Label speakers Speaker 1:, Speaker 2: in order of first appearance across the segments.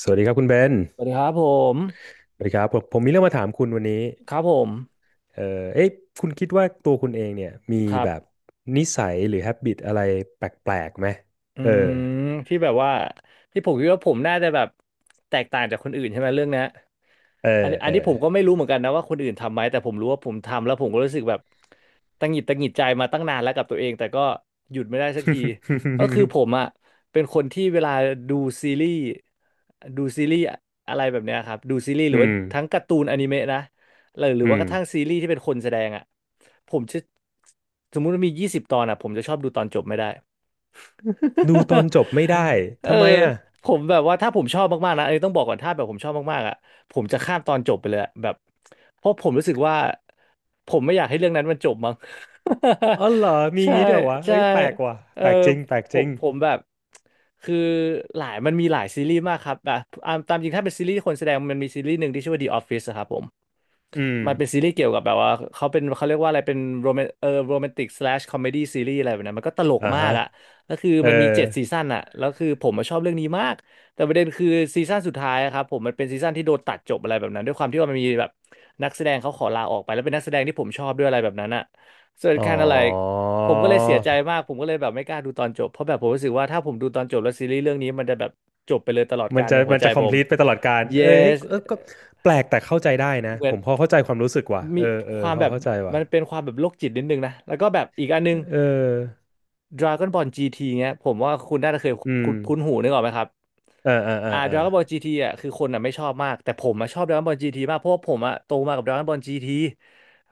Speaker 1: สวัสดีครับคุณเบน
Speaker 2: สวัสดีครับผม
Speaker 1: สวัสดีครับผมมีเรื่องมาถามคุณวันนี้
Speaker 2: ครับผม
Speaker 1: เอ่อเอ๊ะคุณคิดว่าตัวคุณเองเนี่ยมี
Speaker 2: ครับ
Speaker 1: แบบนิสัยหรือ h a บ i t อะไรแปลกๆไหม
Speaker 2: อื
Speaker 1: เออ
Speaker 2: มที่แบบว่าที่ผมคิดว่าผมน่าจะแบบแตกต่างจากคนอื่นใช่ไหมเรื่องเนี้ย
Speaker 1: เออ
Speaker 2: อันอั
Speaker 1: เอ
Speaker 2: น
Speaker 1: อ
Speaker 2: นี้ผมก็ไม่รู้เหมือนกันนะว่าคนอื่นทำไหมแต่ผมรู้ว่าผมทำแล้วผมก็รู้สึกแบบตังหงิดตังหงิดใจมาตั้งนานแล้วกับตัวเองแต่ก็หยุดไม่ได้สักทีก็คือผมอ่ะเป็นคนที่เวลาดูซีรีส์ดูซีรีส์อะไรแบบเนี้ยครับดูซีรีส์ห รื
Speaker 1: อื
Speaker 2: อว่า
Speaker 1: ม
Speaker 2: ทั้งการ์ตูนอนิเมะนะหรือ
Speaker 1: อื
Speaker 2: ว่า
Speaker 1: ม
Speaker 2: กระทั่งซีรีส์ที่เป็นคนแสดงอ่ะผมจะสมมุติว่ามียี่สิบตอนอ่ะผมจะชอบดูตอนจบไม่ได้
Speaker 1: ดูตอนจบไม่ได้
Speaker 2: เออ
Speaker 1: ทำไมอ่ะ
Speaker 2: ผมแบบว่าถ้าผมชอบมากๆนะเอ้ยต้องบอกก่อนถ้าแบบผมชอบมากๆอ่ะผมจะข้ามตอนจบไปเลยอะแบบเพราะผมรู้สึกว่าผมไม่อยากให้เรื่องนั้นมันจบมั้ง
Speaker 1: อ๋อเหรอ มี
Speaker 2: ใช่
Speaker 1: งี้ด้วยวะ
Speaker 2: ใช่
Speaker 1: เอ้ยแปลกว่ะ
Speaker 2: เออ
Speaker 1: แปลกจริงแปลก
Speaker 2: ผ
Speaker 1: จริ
Speaker 2: ม
Speaker 1: ง
Speaker 2: ผมแบบคือหลายมันมีหลายซีรีส์มากครับแบบอ่ะตามจริงถ้าเป็นซีรีส์คนแสดงมันมีซีรีส์หนึ่งที่ชื่อว่า The Office อะครับผม
Speaker 1: อืม
Speaker 2: มันเป็นซีรีส์เกี่ยวกับแบบว่าเขาเป็นเขาเรียกว่าอะไรเป็นโรแมนติกสแลชคอมเมดี้ซีรีส์อะไรแบบนั้นมันก็ตลก
Speaker 1: อ่า
Speaker 2: มาก
Speaker 1: ฮะ
Speaker 2: อ่ะแล้วคือ
Speaker 1: เออ
Speaker 2: มันมีเจ็ดซีซั่นอ่ะแล้วคือผมมาชอบเรื่องนี้มากแต่ประเด็นคือซีซั่นสุดท้ายอะครับผมมันเป็นซีซั่นที่โดนตัดจบอะไรแบบนั้นด้วยความที่ว่ามันมีแบบนักแสดงเขาขอลาออกไปแล้วเป็นนักแสดงที่ผมชอบด้วยอะไรแบบนั้นอ่ะ so it
Speaker 1: อ๋อ
Speaker 2: kind of like ผมก็เลยเสียใจมากผมก็เลยแบบไม่กล้าดูตอนจบเพราะแบบผมรู้สึกว่าถ้าผมดูตอนจบแล้วซีรีส์เรื่องนี้มันจะแบบจบไปเลยตลอด
Speaker 1: มั
Speaker 2: กา
Speaker 1: น
Speaker 2: ล
Speaker 1: จะ
Speaker 2: ในหัวใจผม
Speaker 1: complete ไปตลอดการเออเฮ้ย
Speaker 2: yes
Speaker 1: เออก็แปลกแต่เข้าใจได้นะ
Speaker 2: เหมื
Speaker 1: ผ
Speaker 2: อน
Speaker 1: มพอเข้าใจความรู้สึกว่ะ
Speaker 2: มี
Speaker 1: เออเอ
Speaker 2: ค
Speaker 1: อ
Speaker 2: วาม
Speaker 1: พอ
Speaker 2: แบบ
Speaker 1: เข้าใจว่ะ
Speaker 2: มันเป็นความแบบโรคจิตนิดนึงนะแล้วก็แบบอีกอันนึง
Speaker 1: เออ
Speaker 2: Dragon Ball GT เงี้ยผมว่าคุณน่าจะเคย
Speaker 1: อืม
Speaker 2: คุ้นคุ้นหูนึกออกไหมครับ
Speaker 1: เออเออเออเออ
Speaker 2: Dragon Ball GT อ่ะคือคนอ่ะไม่ชอบมากแต่ผมอ่ะชอบ Dragon Ball GT มากเพราะว่าผมอ่ะโตมากับ Dragon Ball GT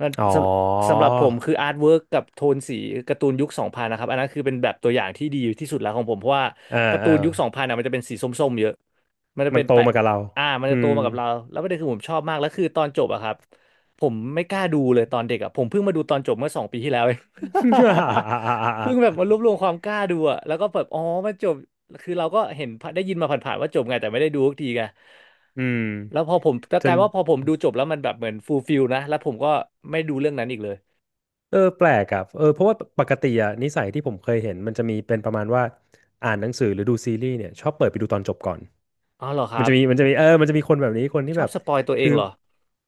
Speaker 2: มัน
Speaker 1: อ๋อ
Speaker 2: สำหรับผมคืออาร์ตเวิร์กกับโทนสีการ์ตูนยุค2000นนะครับอันนั้นคือเป็นแบบตัวอย่างที่ดีที่สุดแล้วของผมเพราะว่า
Speaker 1: เออ
Speaker 2: การ์
Speaker 1: เอ
Speaker 2: ตู
Speaker 1: อ
Speaker 2: นยุค2000องพันอ่ะมันจะเป็นสีส้มๆเยอะมันจะ
Speaker 1: มั
Speaker 2: เป็
Speaker 1: น
Speaker 2: น
Speaker 1: โต
Speaker 2: แปะ
Speaker 1: มากับเรา
Speaker 2: อ่ามัน
Speaker 1: อื
Speaker 2: จะโต
Speaker 1: ม
Speaker 2: มากับเราแล้วประเด็นคือผมชอบมากแล้วคือตอนจบอะครับ ผมไม่กล้าดูเลยตอนเด็กอ่ะผมเพิ่งมาดูตอนจบเมื่อสองปีที่แล้วเอง เพิ่งแบบมารวบ รวมความกล้าดูอ่ะแล้วก็แบบอ๋อมันจบคือเราก็เห็นได้ยินมาผ่านๆว่าจบไงแต่ไม่ได้ดูสักทีไง
Speaker 1: อืม
Speaker 2: แล้วพอผมก็
Speaker 1: จ
Speaker 2: กลาย
Speaker 1: น
Speaker 2: ว่าพอผมดูจบแล้วมันแบบเหมือนฟูลฟิลนะแล้วผมก็ไม่ดูเรื่องนั้นอีกเลย
Speaker 1: เออแปลกอ่ะเออเพราะว่าปกติอ่ะนิสัยที่ผมเคยเห็นมันจะมีเป็นประมาณว่าอ่านหนังสือหรือดูซีรีส์เนี่ยชอบเปิดไปดูตอนจบก่อน
Speaker 2: อ๋อเหรอค
Speaker 1: มัน
Speaker 2: รับ
Speaker 1: จะมีเออมันจะมีคนแบบนี้คนที่
Speaker 2: ชอ
Speaker 1: แบ
Speaker 2: บ
Speaker 1: บ
Speaker 2: สปอยตัวเอ
Speaker 1: คื
Speaker 2: ง
Speaker 1: อ
Speaker 2: เหรอ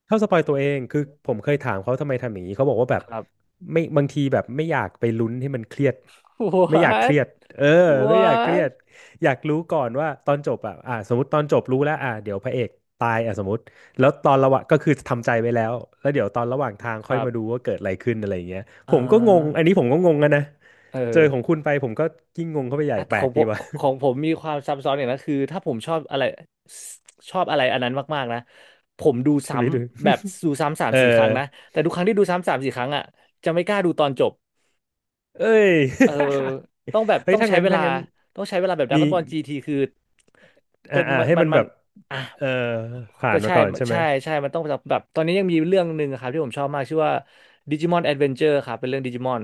Speaker 1: เข้าสปอยตัวเองคือผมเคยถามเขาทำไมทำอย่างนี้เขาบอกว่าแบบ
Speaker 2: ครับ
Speaker 1: ไม่บางทีแบบไม่อยากไปลุ้นให้มันเครียด ไม่อยากเค
Speaker 2: what
Speaker 1: รียดเออไม่อยากเครีย
Speaker 2: what
Speaker 1: ดอยากรู้ก่อนว่าตอนจบอ่ะอ่ะสมมติตอนจบรู้แล้วอ่ะเดี๋ยวพระเอกตายอ่ะสมมติแล้วตอนระหว่างก็คือทำใจไว้แล้วแล้วเดี๋ยวตอนระหว่างทาง
Speaker 2: ค
Speaker 1: ค่อย
Speaker 2: รับ
Speaker 1: มาดูว่าเกิดอะไรขึ้นอะไรอย่างเงี้ย
Speaker 2: เอ
Speaker 1: ผมก็งงอั
Speaker 2: อ
Speaker 1: นนี้ผมก็งงอะนะ
Speaker 2: เอ
Speaker 1: เจ
Speaker 2: อ
Speaker 1: อของคุณไปผมก็ยิ่งงงเข้าไปใหญ่
Speaker 2: อ่ะ
Speaker 1: แป
Speaker 2: แต่
Speaker 1: ล
Speaker 2: ขอ
Speaker 1: ก
Speaker 2: งผ
Speaker 1: ดี
Speaker 2: ม
Speaker 1: ว่ะ
Speaker 2: ของผม มีความซับซ้อนอย่างนั้นคือถ้าผมชอบอะไรอันนั้นมากๆนะผมดู
Speaker 1: ใช่
Speaker 2: ซ้
Speaker 1: ไหมดู
Speaker 2: ำแบบดูซ้ำสา ม
Speaker 1: เออ
Speaker 2: สี่ครั้งนะแต่ทุกครั้งที่ดูซ้ำสามสี่ครั้งอ่ะจะไม่กล้าดูตอนจบ
Speaker 1: เอ้ย
Speaker 2: เออต้องแบบ
Speaker 1: เฮ้ย
Speaker 2: ต้อง
Speaker 1: ถ้า
Speaker 2: ใช้
Speaker 1: งั้น
Speaker 2: เว
Speaker 1: ถ้า
Speaker 2: ลา
Speaker 1: งั้น
Speaker 2: ต้องใช้เวลาแบบดรา
Speaker 1: มี
Speaker 2: ก้อนบอลจีทีคือ
Speaker 1: อ่า
Speaker 2: เป็น
Speaker 1: อ่า
Speaker 2: มัน
Speaker 1: ให้
Speaker 2: มัน
Speaker 1: มัน
Speaker 2: มั
Speaker 1: แบ
Speaker 2: น
Speaker 1: บ
Speaker 2: อ่ะ
Speaker 1: เออผ่า
Speaker 2: แต่
Speaker 1: นมา
Speaker 2: ใช่
Speaker 1: ก่อนใช่ไหม
Speaker 2: ใช่ใช่มันต้องแบบตอนนี้ยังมีเรื่องหนึ่งครับที่ผมชอบมากชื่อว่าดิจิมอนแอดเวนเจอร์ครับเป็นเรื่องดิจิมอน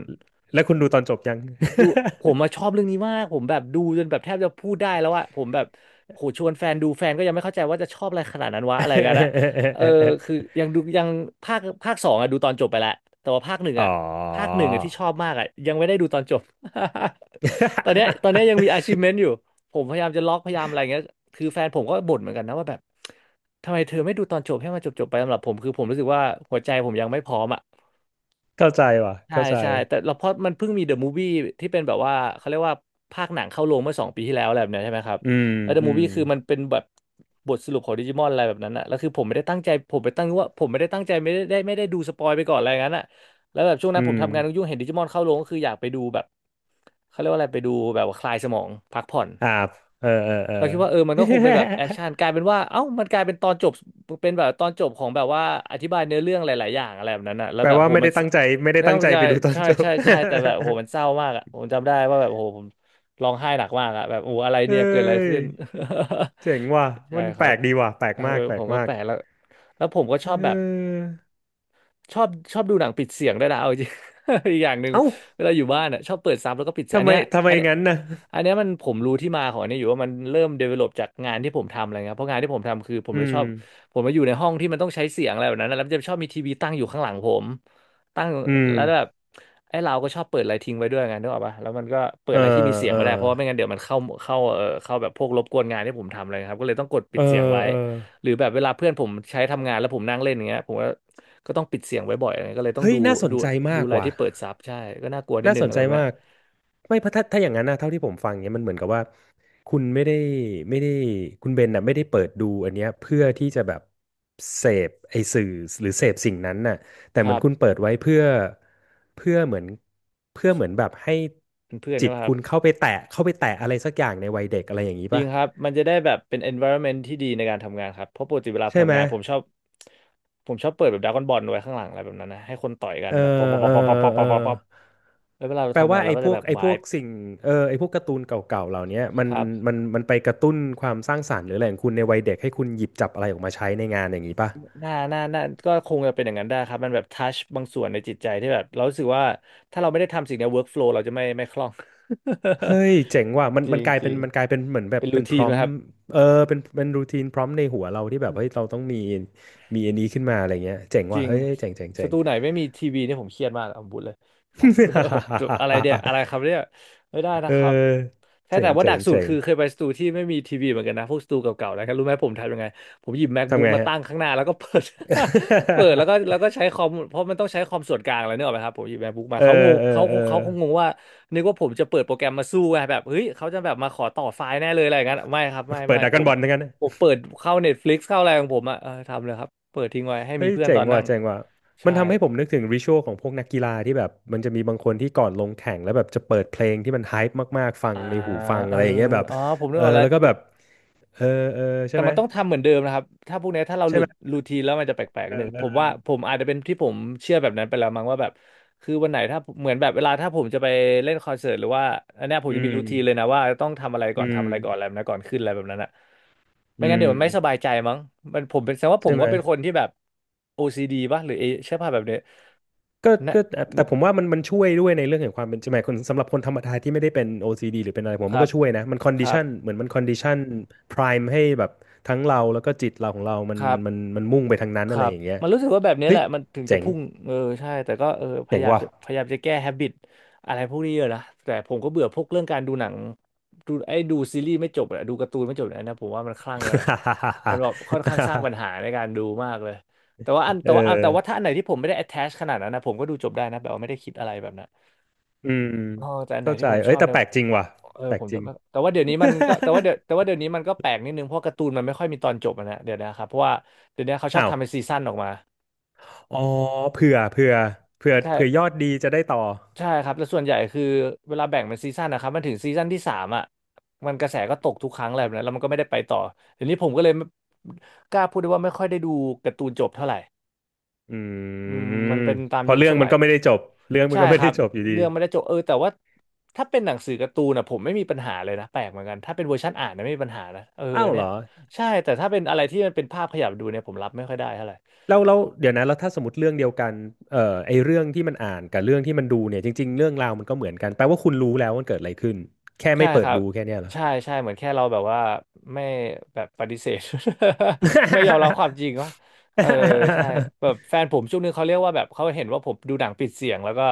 Speaker 1: แล้วคุณดูตอนจบยัง
Speaker 2: ดูผมมาชอบเรื่องนี้มากผมแบบดูจนแบบแทบจะพูดได้แล้วอะผมแบบโหชวนแฟนดูแฟนก็ยังไม่เข้าใจว่าจะชอบอะไรขนาดนั้นวะอะไรกันอะเออคือยังดูยังภาคสองอะดูตอนจบไปแล้วแต่ว่าภาคหนึ่ง
Speaker 1: อ๋
Speaker 2: อะ
Speaker 1: อ
Speaker 2: ภาคหนึ่งอะที่ชอบมากอะยังไม่ได้ดูตอนจบ ตอนเนี้ยยังมี achievement อยู่ผมพยายามจะล็อกพยายามอะไรเงี้ยคือแฟนผมก็บ่นเหมือนกันนะว่าแบบทำไมเธอไม่ดูตอนจบให้มันจบๆไปสำหรับผมคือผมรู้สึกว่าหัวใจผมยังไม่พร้อมอะ
Speaker 1: เข้าใจว่ะ
Speaker 2: ใช่
Speaker 1: เข้าใจ
Speaker 2: ใช่แต่เราเพราะมันเพิ่งมีเดอะมูฟวี่ที่เป็นแบบว่าเขาเรียกว่าภาคหนังเข้าโรงเมื่อสองปีที่แล้วอะไรแบบเนี้ยใช่ไหมครับ
Speaker 1: อืม
Speaker 2: แล้วเดอะ
Speaker 1: อื
Speaker 2: มูฟ
Speaker 1: ม
Speaker 2: วี่คือมันเป็นแบบบทสรุปของดิจิมอนอะไรแบบนั้นอะแล้วคือผมไม่ได้ตั้งใจผมไปตั้งว่าผมไม่ได้ตั้งใจไม่ได้ดูสปอยไปก่อนอะไรอย่างนั้นอะแล้วแบบช่วงนั้
Speaker 1: อื
Speaker 2: นผม
Speaker 1: ม
Speaker 2: ทำงานยุ่งๆเห็นดิจิมอนเข้าโรงก็คืออยากไปดูแบบเขาเรียกว่าอะไรไปดูแบบว่าคลายสมองพักผ่อน
Speaker 1: อ่าเออเออเออ
Speaker 2: เราคิดว่าเออมันก็คงเป็นแบบแอคชั่นกลายเป็นว่าเอ้ามันกลายเป็นตอนจบเป็นแบบตอนจบของแบบว่าอธิบายเนื้อเรื่องหลายๆอย่างอะไรแบบนั้นอะแล้ ว
Speaker 1: แปล
Speaker 2: แบบ
Speaker 1: ว่า
Speaker 2: โห
Speaker 1: ไม่
Speaker 2: มัน
Speaker 1: ได้ตั้งใจ ไม่ได้
Speaker 2: นั่น
Speaker 1: ตั้งใจ
Speaker 2: ใช่
Speaker 1: ไปดูตอน
Speaker 2: ใช่
Speaker 1: จบ
Speaker 2: ใช่ใช่แต่แบบโหมันเศร้ามากอะผมจำได้ว่าแบบโหผมร้องไห้หนักมากอะแบบโอ้อะไร
Speaker 1: เฮ้
Speaker 2: เนี่ยเกิดอะไร
Speaker 1: ย
Speaker 2: ขึ้น
Speaker 1: เจ๋งว่ะ
Speaker 2: ใช่
Speaker 1: มัน
Speaker 2: ค
Speaker 1: แป
Speaker 2: รั
Speaker 1: ล
Speaker 2: บ
Speaker 1: กดีว่ะแปลก
Speaker 2: เออ
Speaker 1: มากแปล
Speaker 2: ผ
Speaker 1: ก
Speaker 2: มก็
Speaker 1: มา
Speaker 2: แป
Speaker 1: ก
Speaker 2: ลกแล้วแล้วผมก็
Speaker 1: เ
Speaker 2: ชอบแบบ
Speaker 1: ออ
Speaker 2: ชอบดูหนังปิดเสียงได้วยนะเอาจริง อีกอย่างหนึ่ง
Speaker 1: เอ้า
Speaker 2: เวลาอยู่บ้านอ่ะชอบเปิดซับแล้วก็ปิดเสียง
Speaker 1: ทำ
Speaker 2: อัน
Speaker 1: ไม
Speaker 2: เนี้ย
Speaker 1: ทำไม
Speaker 2: อันเนี้ย
Speaker 1: งั้นนะ
Speaker 2: อันเนี้ยมันผมรู้ที่มาของอันนี้อยู่ว่ามันเริ่ม develop จากงานที่ผมทำอะไรเงี้ยเพราะงานที่ผมทำคือผม
Speaker 1: อื
Speaker 2: เลย
Speaker 1: ม
Speaker 2: ชอบผมมาอยู่ในห้องที่มันต้องใช้เสียงอะไรแบบนั้นนะแล้วมันจะชอบมีทีวีตั้งอยู่ข้างหลังผมตั้ง
Speaker 1: อืม
Speaker 2: แล้วแบบไอ้เราก็ชอบเปิดอะไรทิ้งไว้ด้วยไงนึกออกปะแล้วมันก็เปิด
Speaker 1: เออ
Speaker 2: อะไรที่มีเสียง
Speaker 1: เออ
Speaker 2: ไม่ได้เพราะว่าไม่งั้นเดี๋ยวมันเข้าเข้าแบบพวกรบกวนงานที่ผมทำอะไรครับก็เลยต้องกดปิ
Speaker 1: เอ
Speaker 2: ด
Speaker 1: อ
Speaker 2: เสียงไว้
Speaker 1: เออ
Speaker 2: หรือแบบเวลาเพื่อนผมใช้ทำงานแล้วผมนั่งเล่นอย่างเงี้ยผมก็ ก็ต้องปิดเสียงไว้บ่อยอะไรเงี้ยก็เลยต้อง
Speaker 1: เฮ้ย
Speaker 2: ดู
Speaker 1: น่าสน
Speaker 2: ดู
Speaker 1: ใจมาก
Speaker 2: อะไร
Speaker 1: ว่ะ
Speaker 2: ที่เปิดซับใช่ก็น่ากลัวนิด
Speaker 1: น่า
Speaker 2: นึง
Speaker 1: สน
Speaker 2: อะไร
Speaker 1: ใจ
Speaker 2: พวกเนี้
Speaker 1: มา
Speaker 2: ย
Speaker 1: กไม่เพราะถ้าถ้าอย่างนั้นนะเท่าที่ผมฟังเนี้ยมันเหมือนกับว่าคุณไม่ได้ไม่ได้คุณเบนน่ะไม่ได้เปิดดูอันเนี้ยเพื่อที่จะแบบ เสพไอสื่อหรือ เสพสิ่งนั้นน่ะแต่
Speaker 2: ค
Speaker 1: เหมือ
Speaker 2: รั
Speaker 1: นคุณเปิ
Speaker 2: บ
Speaker 1: ดไว้เพื่อเพื่อเหมือนเพื่อเหมือนแบบให้
Speaker 2: เป็นเพื่อน
Speaker 1: จิต
Speaker 2: นะครั
Speaker 1: คุ
Speaker 2: บ
Speaker 1: ณเข้าไปแตะเข้าไปแตะอะไรสักอย่างในวัยเด็กอะไรอย่างนี้
Speaker 2: จริง
Speaker 1: ป่ะ
Speaker 2: ครับมันจะได้แบบเป็น environment ที่ดีในการทำงานครับเพราะปกติเวลา
Speaker 1: ใช่ไห
Speaker 2: ทำ
Speaker 1: ม
Speaker 2: งานผมชอบเปิดแบบดราก้อนบอลไว้ข้างหลังอะไรแบบนั้นนะให้คนต่อยกัน
Speaker 1: เออ
Speaker 2: แบบป๊อปป๊
Speaker 1: เอ
Speaker 2: อป
Speaker 1: อ
Speaker 2: ป๊อปป๊อปป๊อป
Speaker 1: เอ
Speaker 2: ป๊
Speaker 1: อ
Speaker 2: อปป๊อปป๊อปแล้วเวลาเรา
Speaker 1: แปล
Speaker 2: ทำงา
Speaker 1: ว่า
Speaker 2: นเราก็จะแบบ
Speaker 1: ไอ้พ
Speaker 2: ไวา
Speaker 1: ว
Speaker 2: ย
Speaker 1: กสิ่งเออไอ้พวกการ์ตูนเก่าๆเหล่าเนี้ยมั
Speaker 2: ค
Speaker 1: น
Speaker 2: รับ
Speaker 1: มันไปกระตุ้นความสร้างสรรค์หรืออะไรของคุณในวัยเด็กให้คุณหยิบจับอะไรออกมาใช้ในงานอย่างนี้ป่ะ
Speaker 2: หน่าหน้าหน้าก็คงจะเป็นอย่างนั้นได้ครับมันแบบทัชบางส่วนในจิตใจที่แบบเรารู้สึกว่าถ้าเราไม่ได้ทำสิ่งเนี้ย workflow เราจะไม่คล่อง
Speaker 1: เฮ้ยเจ๋งว่ะมั น
Speaker 2: จริง
Speaker 1: กลาย
Speaker 2: จ
Speaker 1: เป็
Speaker 2: ริ
Speaker 1: น
Speaker 2: ง
Speaker 1: มันกลายเป็นเหมือนแบบ
Speaker 2: เป็นรู
Speaker 1: เป็นพ
Speaker 2: ทีน
Speaker 1: ร้อ
Speaker 2: ไหม
Speaker 1: ม
Speaker 2: ครับ
Speaker 1: เออเป็นเป็นรูทีนพร้อมในหัวเราที่แบบเฮ้ยเราต้องมีมีอันนี้ขึ้นมาอะไรเงี้ยเจ๋ง
Speaker 2: จ
Speaker 1: ว่ะ
Speaker 2: ริง
Speaker 1: เฮ้ยเจ๋งเจ๋ง
Speaker 2: ส
Speaker 1: เจ๋ง
Speaker 2: ตูไหนไม่มีทีวีเนี่ยผมเครียดมากเอาบุญเลย แบอะไรเนี่ย อะไรครับเนี่ยไม่ได้
Speaker 1: เอ
Speaker 2: นะ
Speaker 1: อ
Speaker 2: ครับแค่
Speaker 1: เจ๋
Speaker 2: แต่
Speaker 1: ง
Speaker 2: ว่าห
Speaker 1: เจ๋
Speaker 2: นั
Speaker 1: ง
Speaker 2: กสุด
Speaker 1: เจ๋ง
Speaker 2: คือเคยไปสตูที่ไม่มีทีวีเหมือนกันนะพวกสตูเก่าๆนะครับรู้ไหมผมทำยังไงผมหยิบ
Speaker 1: ทำ
Speaker 2: MacBook
Speaker 1: ไง
Speaker 2: มา
Speaker 1: ฮะ
Speaker 2: ตั้งข้างหน้าแล้วก็เปิด เปิดแล้วก็ใช้คอมเพราะมันต้องใช้คอมส่วนกลางอะไรเนี่ยหรอกไหมครับผมหยิบ MacBook มา
Speaker 1: เออ
Speaker 2: เขางง
Speaker 1: เออ
Speaker 2: เขา
Speaker 1: เออ
Speaker 2: เขาคงงงว่านึกว่าผมจะเปิดโปรแกรมมาสู้ไงแบบเฮ้ยเขาจะแบบมาขอต่อไฟล์แน่เลยอะไรอย่างนั้นไม่ครับไม่
Speaker 1: เปิด
Speaker 2: ไม่
Speaker 1: ดรา
Speaker 2: ผ
Speaker 1: ก้อน
Speaker 2: ม
Speaker 1: บอลทั้งนั้น
Speaker 2: เปิดเข้า Netflix เข้าอะไรของผมอ่ะเออทำเลยครับเปิดทิ้งไว้ให้
Speaker 1: เฮ้
Speaker 2: มี
Speaker 1: ย
Speaker 2: เพื่อน
Speaker 1: เจ๋
Speaker 2: ต
Speaker 1: ง
Speaker 2: อน
Speaker 1: ว่ะ
Speaker 2: นั่ง
Speaker 1: เจ๋งว่ะมัน
Speaker 2: ใช่
Speaker 1: ทำให้ผมนึกถึงริชวลของพวกนักกีฬาที่แบบมันจะมีบางคนที่ก่อนลงแข่งแล้วแบบจะเปิดเพลงที่มันไฮป์มากๆฟัง
Speaker 2: อ่า
Speaker 1: ในหูฟัง
Speaker 2: เอ
Speaker 1: อะ
Speaker 2: อ
Speaker 1: ไรอย่างเงี้ยแบบ
Speaker 2: อ๋อผมนึ
Speaker 1: เอ
Speaker 2: ก
Speaker 1: อ
Speaker 2: ออกแล้ว
Speaker 1: แล้วก็แบบเออเออใช่
Speaker 2: แต่
Speaker 1: ไหม
Speaker 2: มันต้องทำเหมือนเดิมนะครับถ้าพวกเนี้ยถ้าเราห
Speaker 1: ใช่
Speaker 2: ลุ
Speaker 1: ไห
Speaker 2: ด
Speaker 1: ม
Speaker 2: รูทีนแล้วมันจะแปลก
Speaker 1: เอ
Speaker 2: ๆนึ
Speaker 1: อ
Speaker 2: ง
Speaker 1: เอ
Speaker 2: ผมว่า
Speaker 1: อ
Speaker 2: ผมอาจจะเป็นที่ผมเชื่อแบบนั้นไปแล้วมั้งว่าแบบคือวันไหนถ้าเหมือนแบบเวลาถ้าผมจะไปเล่นคอนเสิร์ตหรือว่าอันเนี้ยผมจะ
Speaker 1: อื
Speaker 2: มี
Speaker 1: ม
Speaker 2: รูทีนเลยนะว่าต้องทำอะไร
Speaker 1: อื
Speaker 2: ก่อนทำ
Speaker 1: ม
Speaker 2: อะไรก่อนอะไรแบบนะก่อนขึ้นอะไรแบบนั้นอะไม่
Speaker 1: อื
Speaker 2: งั้นเดี๋
Speaker 1: ม
Speaker 2: ยวมันไม่สบายใจมั้งมันผมเป็นแสดงว่าผ
Speaker 1: ใช่
Speaker 2: ม
Speaker 1: ไหม
Speaker 2: ก็เป็นคนที่แบบ OCD ป่ะหรือเอใช่ป่ะแบบเนี้ย
Speaker 1: ก็
Speaker 2: นะ
Speaker 1: ก็แต่แต่ผมว่ามันมันช่วยด้วยในเรื่องของความเป็นจริงหมายคนสำหรับคนธรรมดาที่ไม่ได้เป็น OCD หรือเป็นอะไรผม
Speaker 2: ค
Speaker 1: ว่ามัน
Speaker 2: รับ
Speaker 1: ก็ช่วยนะมันคอน
Speaker 2: ค
Speaker 1: ดิ
Speaker 2: รับ
Speaker 1: ชันเหมือนมันคอนดิชันพราให้แบบทั้งเราแล้วก็จิตเราของเรามั
Speaker 2: ค
Speaker 1: น
Speaker 2: รับ
Speaker 1: มันมุ่งไปทางนั้น
Speaker 2: ค
Speaker 1: อะ
Speaker 2: รั
Speaker 1: ไร
Speaker 2: บ
Speaker 1: อย่างเงี้ย
Speaker 2: มันรู้สึกว่าแบบนี้
Speaker 1: เฮ้
Speaker 2: แห
Speaker 1: ย
Speaker 2: ละมันถึงจะ
Speaker 1: เจ๋ง
Speaker 2: พุ่งเออใช่แต่ก็เออ
Speaker 1: เจ๋งว่ะ
Speaker 2: พยายามจะแก้แฮบิตอะไรพวกนี้เยอะนะแต่ผมก็เบื่อพวกเรื่องการดูหนังดูไอ้ดูซีรีส์ไม่จบอะดูการ์ตูนไม่จบเนนะผมว่ามันคลั่งไปหน่อยมันแบบค่อนข้างสร้าง ปัญหาในการดูมากเลยแต่ว่าอัน
Speaker 1: เอ
Speaker 2: แต่ว่าถ้า
Speaker 1: อ
Speaker 2: อันไหนที่ผมไม่ได้ attach ขนาดนั้นนะผมก็ดูจบได้นะแบบว่าไม่ได้คิดอะไรแบบนั้น
Speaker 1: อืม
Speaker 2: อ๋อแต่อันไหน
Speaker 1: เข้าใจ
Speaker 2: ที่ผมช
Speaker 1: เอ้
Speaker 2: อ
Speaker 1: ย
Speaker 2: บ
Speaker 1: แต่
Speaker 2: เนี่ย
Speaker 1: แปลกจริงว่ะ
Speaker 2: เออ
Speaker 1: แปล
Speaker 2: ผ
Speaker 1: ก
Speaker 2: ม
Speaker 1: จ
Speaker 2: จะ
Speaker 1: ริง
Speaker 2: ไม่แต่ว่าเดี๋ยวนี้มันก็แต่ว่าเดี๋ยวแต่ว่าเดี๋ยวนี้มันก็แปลกนิดนึงเพราะการ์ตูนมันไม่ค่อยมีตอนจบอะนะเดี๋ยวนะครับเพราะว่าเดี๋ยวนี้เขา ชอบ
Speaker 1: อ้าว
Speaker 2: ทำเป็นซีซั่นออกมา
Speaker 1: อ๋อเผื่อเผื่อ
Speaker 2: ใช่
Speaker 1: ยอดดีจะได้ต่อ
Speaker 2: ใช่ครับแต่ส่วนใหญ่คือเวลาแบ่งเป็นซีซั่นนะครับมันถึงซีซั่นที่สามอ่ะมันกระแสก็ตกทุกครั้งอะไนะแล้วมันก็ไม่ได้ไปต่อเดี๋ยวนี้ผมก็เลยไม่กล้าพูดได้ว่าไม่ค่อยได้ดูการ์ตูนจบเท่าไหร่
Speaker 1: อื
Speaker 2: อืมมัน
Speaker 1: ม
Speaker 2: เป็นตาม
Speaker 1: พอ
Speaker 2: ยุค
Speaker 1: เรื่อ
Speaker 2: ส
Speaker 1: งมั
Speaker 2: มั
Speaker 1: น
Speaker 2: ย
Speaker 1: ก็ไม่ได้จบเรื่องมัน
Speaker 2: ใช่
Speaker 1: ก็ไม่
Speaker 2: ครั
Speaker 1: ได้
Speaker 2: บ
Speaker 1: จบอยู่ดี
Speaker 2: เรื่องไม่ได้จบเออแต่ว่าถ้าเป็นหนังสือการ์ตูนอ่ะผมไม่มีปัญหาเลยนะแปลกเหมือนกันถ้าเป็นเวอร์ชันอ่านนะไม่มีปัญหานะเออ
Speaker 1: อ้าว
Speaker 2: เนี่
Speaker 1: เหร
Speaker 2: ย
Speaker 1: อ
Speaker 2: ใช่แต่ถ้าเป็นอะไรที่มันเป็นภาพขยับดูเนี่ยผมรับไม่ค่อยได้เท่าไหร่
Speaker 1: แล้วเดี๋ยวนะแล้วถ้าสมมติเรื่องเดียวกันไอเรื่องที่มันอ่านกับเรื่องที่มันดูเนี่ยจริงๆเรื่องราวมันก็เหมือนกันแปลว่าคุณรู้แล้วมันเกิดอะไรขึ้นแค่
Speaker 2: ใช่
Speaker 1: ไม่เปิ
Speaker 2: ค
Speaker 1: ด
Speaker 2: รับ
Speaker 1: ดูแค่เนี้ยเหรอ
Speaker 2: ใช่ใช่ เหมือนแค่เราแบบว่าไม่แบบปฏิเสธ ไม่ยอมรับความจริงว่า เออใช่แบบ แฟนผมช่วงนึงเขาเรียกว่าแบบเขาเห็นว่าผมดูหนังปิดเสียงแล้วก็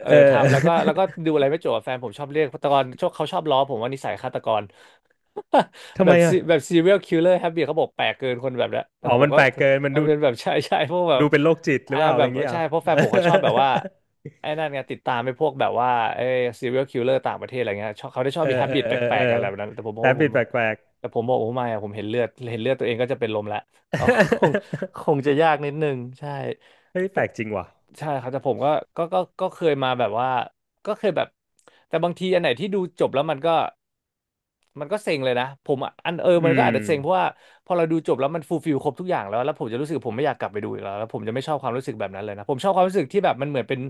Speaker 2: เออ
Speaker 1: เอ
Speaker 2: ทำแล้วก็
Speaker 1: อ
Speaker 2: ดูอะไรไม่จบอะแฟนผมชอบเรียกฆาตกรชอบเขาชอบล้อผมว่านิสัยฆาตกร
Speaker 1: ทำ
Speaker 2: แบ
Speaker 1: ไม
Speaker 2: บซี
Speaker 1: อ่ะ
Speaker 2: แบบ serial killer habit เขาบอกแปลกเกินคนแบบเนี้ยแต่
Speaker 1: อ๋อ
Speaker 2: ผม
Speaker 1: มัน
Speaker 2: ก็
Speaker 1: แปลกเกินมัน
Speaker 2: มัน
Speaker 1: ดู
Speaker 2: เป็นแบบ ใช่ใช่พวกแบบ
Speaker 1: ดูเป็นโรคจิตหรื
Speaker 2: อ่า
Speaker 1: อเปล่า
Speaker 2: แบ
Speaker 1: อะไร
Speaker 2: บ
Speaker 1: อย่างเงี้ยเหร
Speaker 2: ใช่
Speaker 1: อ
Speaker 2: เพราะแฟนผมเขาชอบแบบว่า ไอ้นั่นไงติดตามไปพวกแบบว่าไอ้ serial killer ต่างประเทศอะไรเงี้ยชอบเขาได้ชอ
Speaker 1: เอ
Speaker 2: บ
Speaker 1: อ
Speaker 2: มี
Speaker 1: เออ
Speaker 2: habit
Speaker 1: เอ
Speaker 2: แป
Speaker 1: อ
Speaker 2: ล
Speaker 1: เอ
Speaker 2: ก
Speaker 1: อ
Speaker 2: ๆกันอะไรแบบนั้นแต่ผมมอ
Speaker 1: แอ
Speaker 2: ง
Speaker 1: บ
Speaker 2: ว่าผ
Speaker 1: บิ
Speaker 2: ม
Speaker 1: ดแปลก
Speaker 2: แต่ผมบอกผมไม่อะผมเห็นเลือดเห็นเลือดตัวเองก็จะเป็นลมละ เขา คงคงจะยากนิดนึงใช่
Speaker 1: ๆ เฮ้ย
Speaker 2: ป
Speaker 1: แปล
Speaker 2: ก
Speaker 1: กจริงว่ะ
Speaker 2: ใช่ครับแต่ผมก็ก็เคยมาแบบว่าก็เคยแบบแต่บางทีอันไหนที่ดูจบแล้วมันก็มันก็เซ็งเลยนะผมอะอันเออ
Speaker 1: อื
Speaker 2: มันก็
Speaker 1: ม
Speaker 2: อาจจะเซ็งเพราะว่าพอเราดูจบแล้วมันฟูลฟิลครบทุกอย่างแล้วแล้วผมจะรู้สึกผมไม่อยากกลับไปดูอีกแล้วแล้วผมจะไม่ชอบความรู้สึกแบบนั้นเลยนะผมชอบความรู้สึกที่แบบมันเหมือนเป็น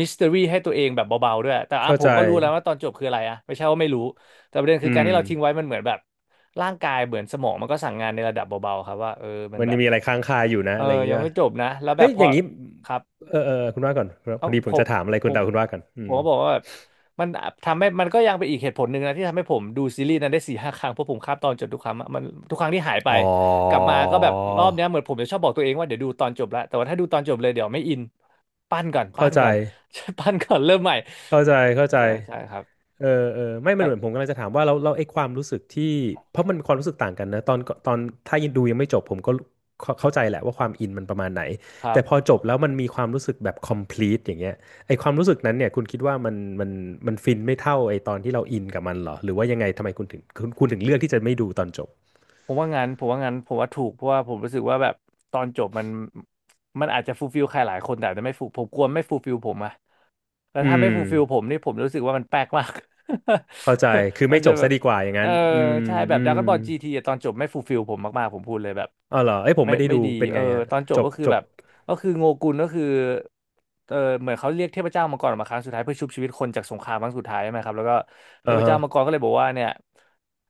Speaker 2: มิส t ต r y ให้ตัวเองแบบเบาๆด้วยแต่อ่ะ
Speaker 1: เข้า
Speaker 2: ผ
Speaker 1: ใจ
Speaker 2: มก็รู้แล้วว่าตอนจบคืออะไรอะไม่ใช่ว่าไม่รู้แต่ประเด็นคื
Speaker 1: อื
Speaker 2: อการ
Speaker 1: ม
Speaker 2: ที่เราทิ้งไว้มันเหมือนแบบ ร่างกายเหมือนสมองมันก็สั่งงานในระดับเบาๆครับว่าเออมัน
Speaker 1: มัน
Speaker 2: แบ
Speaker 1: ยั
Speaker 2: บ
Speaker 1: งมีอะไรค้างคาอยู่นะ
Speaker 2: เออ
Speaker 1: อะไรอย่างเงี้
Speaker 2: ยั
Speaker 1: ย
Speaker 2: งไม่จบนะแล้วแบ
Speaker 1: เฮ้ย
Speaker 2: บพ
Speaker 1: อ
Speaker 2: อ
Speaker 1: ย่างนี้
Speaker 2: ครับ
Speaker 1: เออเออคุณว่าก่อนพ
Speaker 2: เอ้า
Speaker 1: อ
Speaker 2: ผ
Speaker 1: ดี
Speaker 2: ม
Speaker 1: ผมจะถามอะไรคุ
Speaker 2: ผ
Speaker 1: ณ
Speaker 2: ม
Speaker 1: แต่คุณว่าก่อนอื
Speaker 2: ผ
Speaker 1: ม
Speaker 2: มก็บอกว่าแบบมันทำให้มันก็ยังเป็นอีกเหตุผลหนึ่งนะที่ทำให้ผมดูซีรีส์นั้นได้สี่ห้าครั้งเพราะผมข้ามตอนจบทุกครั้งอะมันทุกครั้งที่หายไป
Speaker 1: อ๋อ
Speaker 2: กลับมาก็แบบรอบเนี้ยเหมือนผมจะชอบบอกตัวเองว่าเดี๋ยวดูตอนจบแล้วแต่ว่าถ้าดูตอนจบเลยเดี๋ยวไม่อินปั้นก่อนปั้
Speaker 1: เข้า
Speaker 2: น
Speaker 1: ใจ
Speaker 2: ก่อน ปั้นก่อนเริ่มใหม่
Speaker 1: เข้าใจเข้าใจ
Speaker 2: ใช่ใช่ครับ
Speaker 1: เออเออไม่
Speaker 2: เอ
Speaker 1: มันเห
Speaker 2: อ
Speaker 1: มือนผมกำลังจะถามว่าเราไอ้ความรู้สึกที่เพราะมันความรู้สึกต่างกันนะตอนตอนถ้ายังดูยังไม่จบผมก็เข้าใจแหละว่าความอินมันประมาณไหน
Speaker 2: ครับ
Speaker 1: แต่พอจบแล้วมันมีความรู้สึกแบบ complete อย่างเงี้ยไอ้ความรู้สึกนั้นเนี่ยคุณคิดว่ามันมันฟินไม่เท่าไอ้ตอนที่เราอินกับมันเหรอหรือว่ายังไงทำไมคุณคุณถึงเลือกที่จะไม่ดูตอนจบ
Speaker 2: ผมว่างั้นผมว่างั้นผมว่าถูกเพราะว่าผมรู้สึกว่าแบบตอนจบมันมันอาจจะฟูลฟิลใครหลายคนแต่อาจจะไม่ฟูผมกลัวไม่ฟูลฟิลผมอะ แล้ว
Speaker 1: อื
Speaker 2: ถ้าไม่
Speaker 1: ม
Speaker 2: ฟูลฟิลผมนี่ผมรู้สึกว่ามันแปลกมาก
Speaker 1: เข้าใจคือ
Speaker 2: มัน
Speaker 1: ไม่จ
Speaker 2: จะ
Speaker 1: บ
Speaker 2: แบ
Speaker 1: ซะ
Speaker 2: บ
Speaker 1: ดีกว่าอย่าง
Speaker 2: เอ
Speaker 1: นั้
Speaker 2: อ
Speaker 1: นอืม
Speaker 2: ใช่แบบ
Speaker 1: อื
Speaker 2: ด r a ก
Speaker 1: ม
Speaker 2: o n b บอลจีทีตอนจบไม่ฟูลฟิลผมมากๆผมพูดเลยแบบ
Speaker 1: อ๋อเหรอไอ้ยผม
Speaker 2: ไม่
Speaker 1: ไม่ได้
Speaker 2: ไม่
Speaker 1: ดู
Speaker 2: ดี
Speaker 1: เป็น
Speaker 2: เออ
Speaker 1: ไงฮะ
Speaker 2: ตอนจ
Speaker 1: จ
Speaker 2: บ
Speaker 1: บ
Speaker 2: ก็คือ
Speaker 1: จ
Speaker 2: แบ
Speaker 1: บ
Speaker 2: บก็คือโงกุลก็คือเออเหมือนเขาเรียกเทพเจ้ามังกรออกมาครั้งสุดท้ายเพื่อชุบชีวิตคนจากสงครามครั้งสุดท้ายใช่ไหมครับแล้วก็เท
Speaker 1: เออ
Speaker 2: พ
Speaker 1: ฮะ
Speaker 2: เจ้ามังกรก็เลยบอกว่าเนี่ย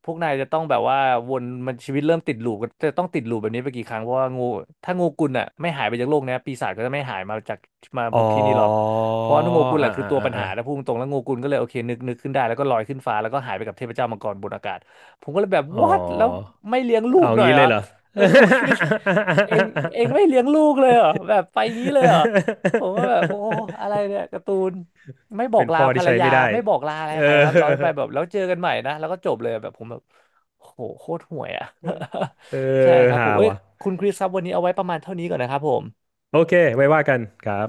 Speaker 2: พวกนายจะต้องแบบว่าวนมันชีวิตเริ่มติดลูปก็จะต้องติดลูปแบบนี้ไปกี่ครั้งเพราะว่างูถ้างูกุลอ่ะไม่หายไปจากโลกเนี้ยปีศาจก็จะไม่หายมาจากมา
Speaker 1: อ๋
Speaker 2: บุ
Speaker 1: อ
Speaker 2: กที่นี่หรอก เพราะว่าโงกุลแห
Speaker 1: อ่า
Speaker 2: ละคือ
Speaker 1: อ่า
Speaker 2: ตัวปัญ
Speaker 1: อ่า
Speaker 2: หานะพูดตรงๆแล้วโงกุลก็เลยโอเคนึกขึ้นได้แล้วก็ลอยขึ้นฟ้าแล้วก็หายไปกับเทพเจ้ามังกรบนอากาศผมก็เลยแบบ
Speaker 1: อ๋อ
Speaker 2: what แล้วไม่เลี้ยงลู
Speaker 1: เอา
Speaker 2: กหน่อย
Speaker 1: งี้
Speaker 2: เหร
Speaker 1: เล
Speaker 2: อ
Speaker 1: ยเหรอ
Speaker 2: เออผม คิดในใจเองเองไม่เลี้ยงลูกเลยเหรอแบบไปอย่างนี้เลยเหรอผมก็แบบโอ้อะไรเนี่ยการ์ตูนไม่บอ
Speaker 1: เป็
Speaker 2: ก
Speaker 1: น
Speaker 2: ลา
Speaker 1: พ่อ
Speaker 2: ภร
Speaker 1: ที่
Speaker 2: ร
Speaker 1: ใช้
Speaker 2: ยา
Speaker 1: ไม่ได้
Speaker 2: ไม่บอกลาอะไร
Speaker 1: เออ
Speaker 2: ใครครับเราไปแบบแล้วเจอกันใหม่นะแล้วก็จบเลยแบบผมแบบโหโคตรห่วยอ่ะ
Speaker 1: เอ
Speaker 2: ใช่
Speaker 1: อ
Speaker 2: ครับผ
Speaker 1: ฮา
Speaker 2: มเอ้ย
Speaker 1: วะ
Speaker 2: คุณคริสครับวันนี้เอาไว้ประมาณเท่านี้ก่อนนะครับผม
Speaker 1: โอเคไว้ว่ากันครับ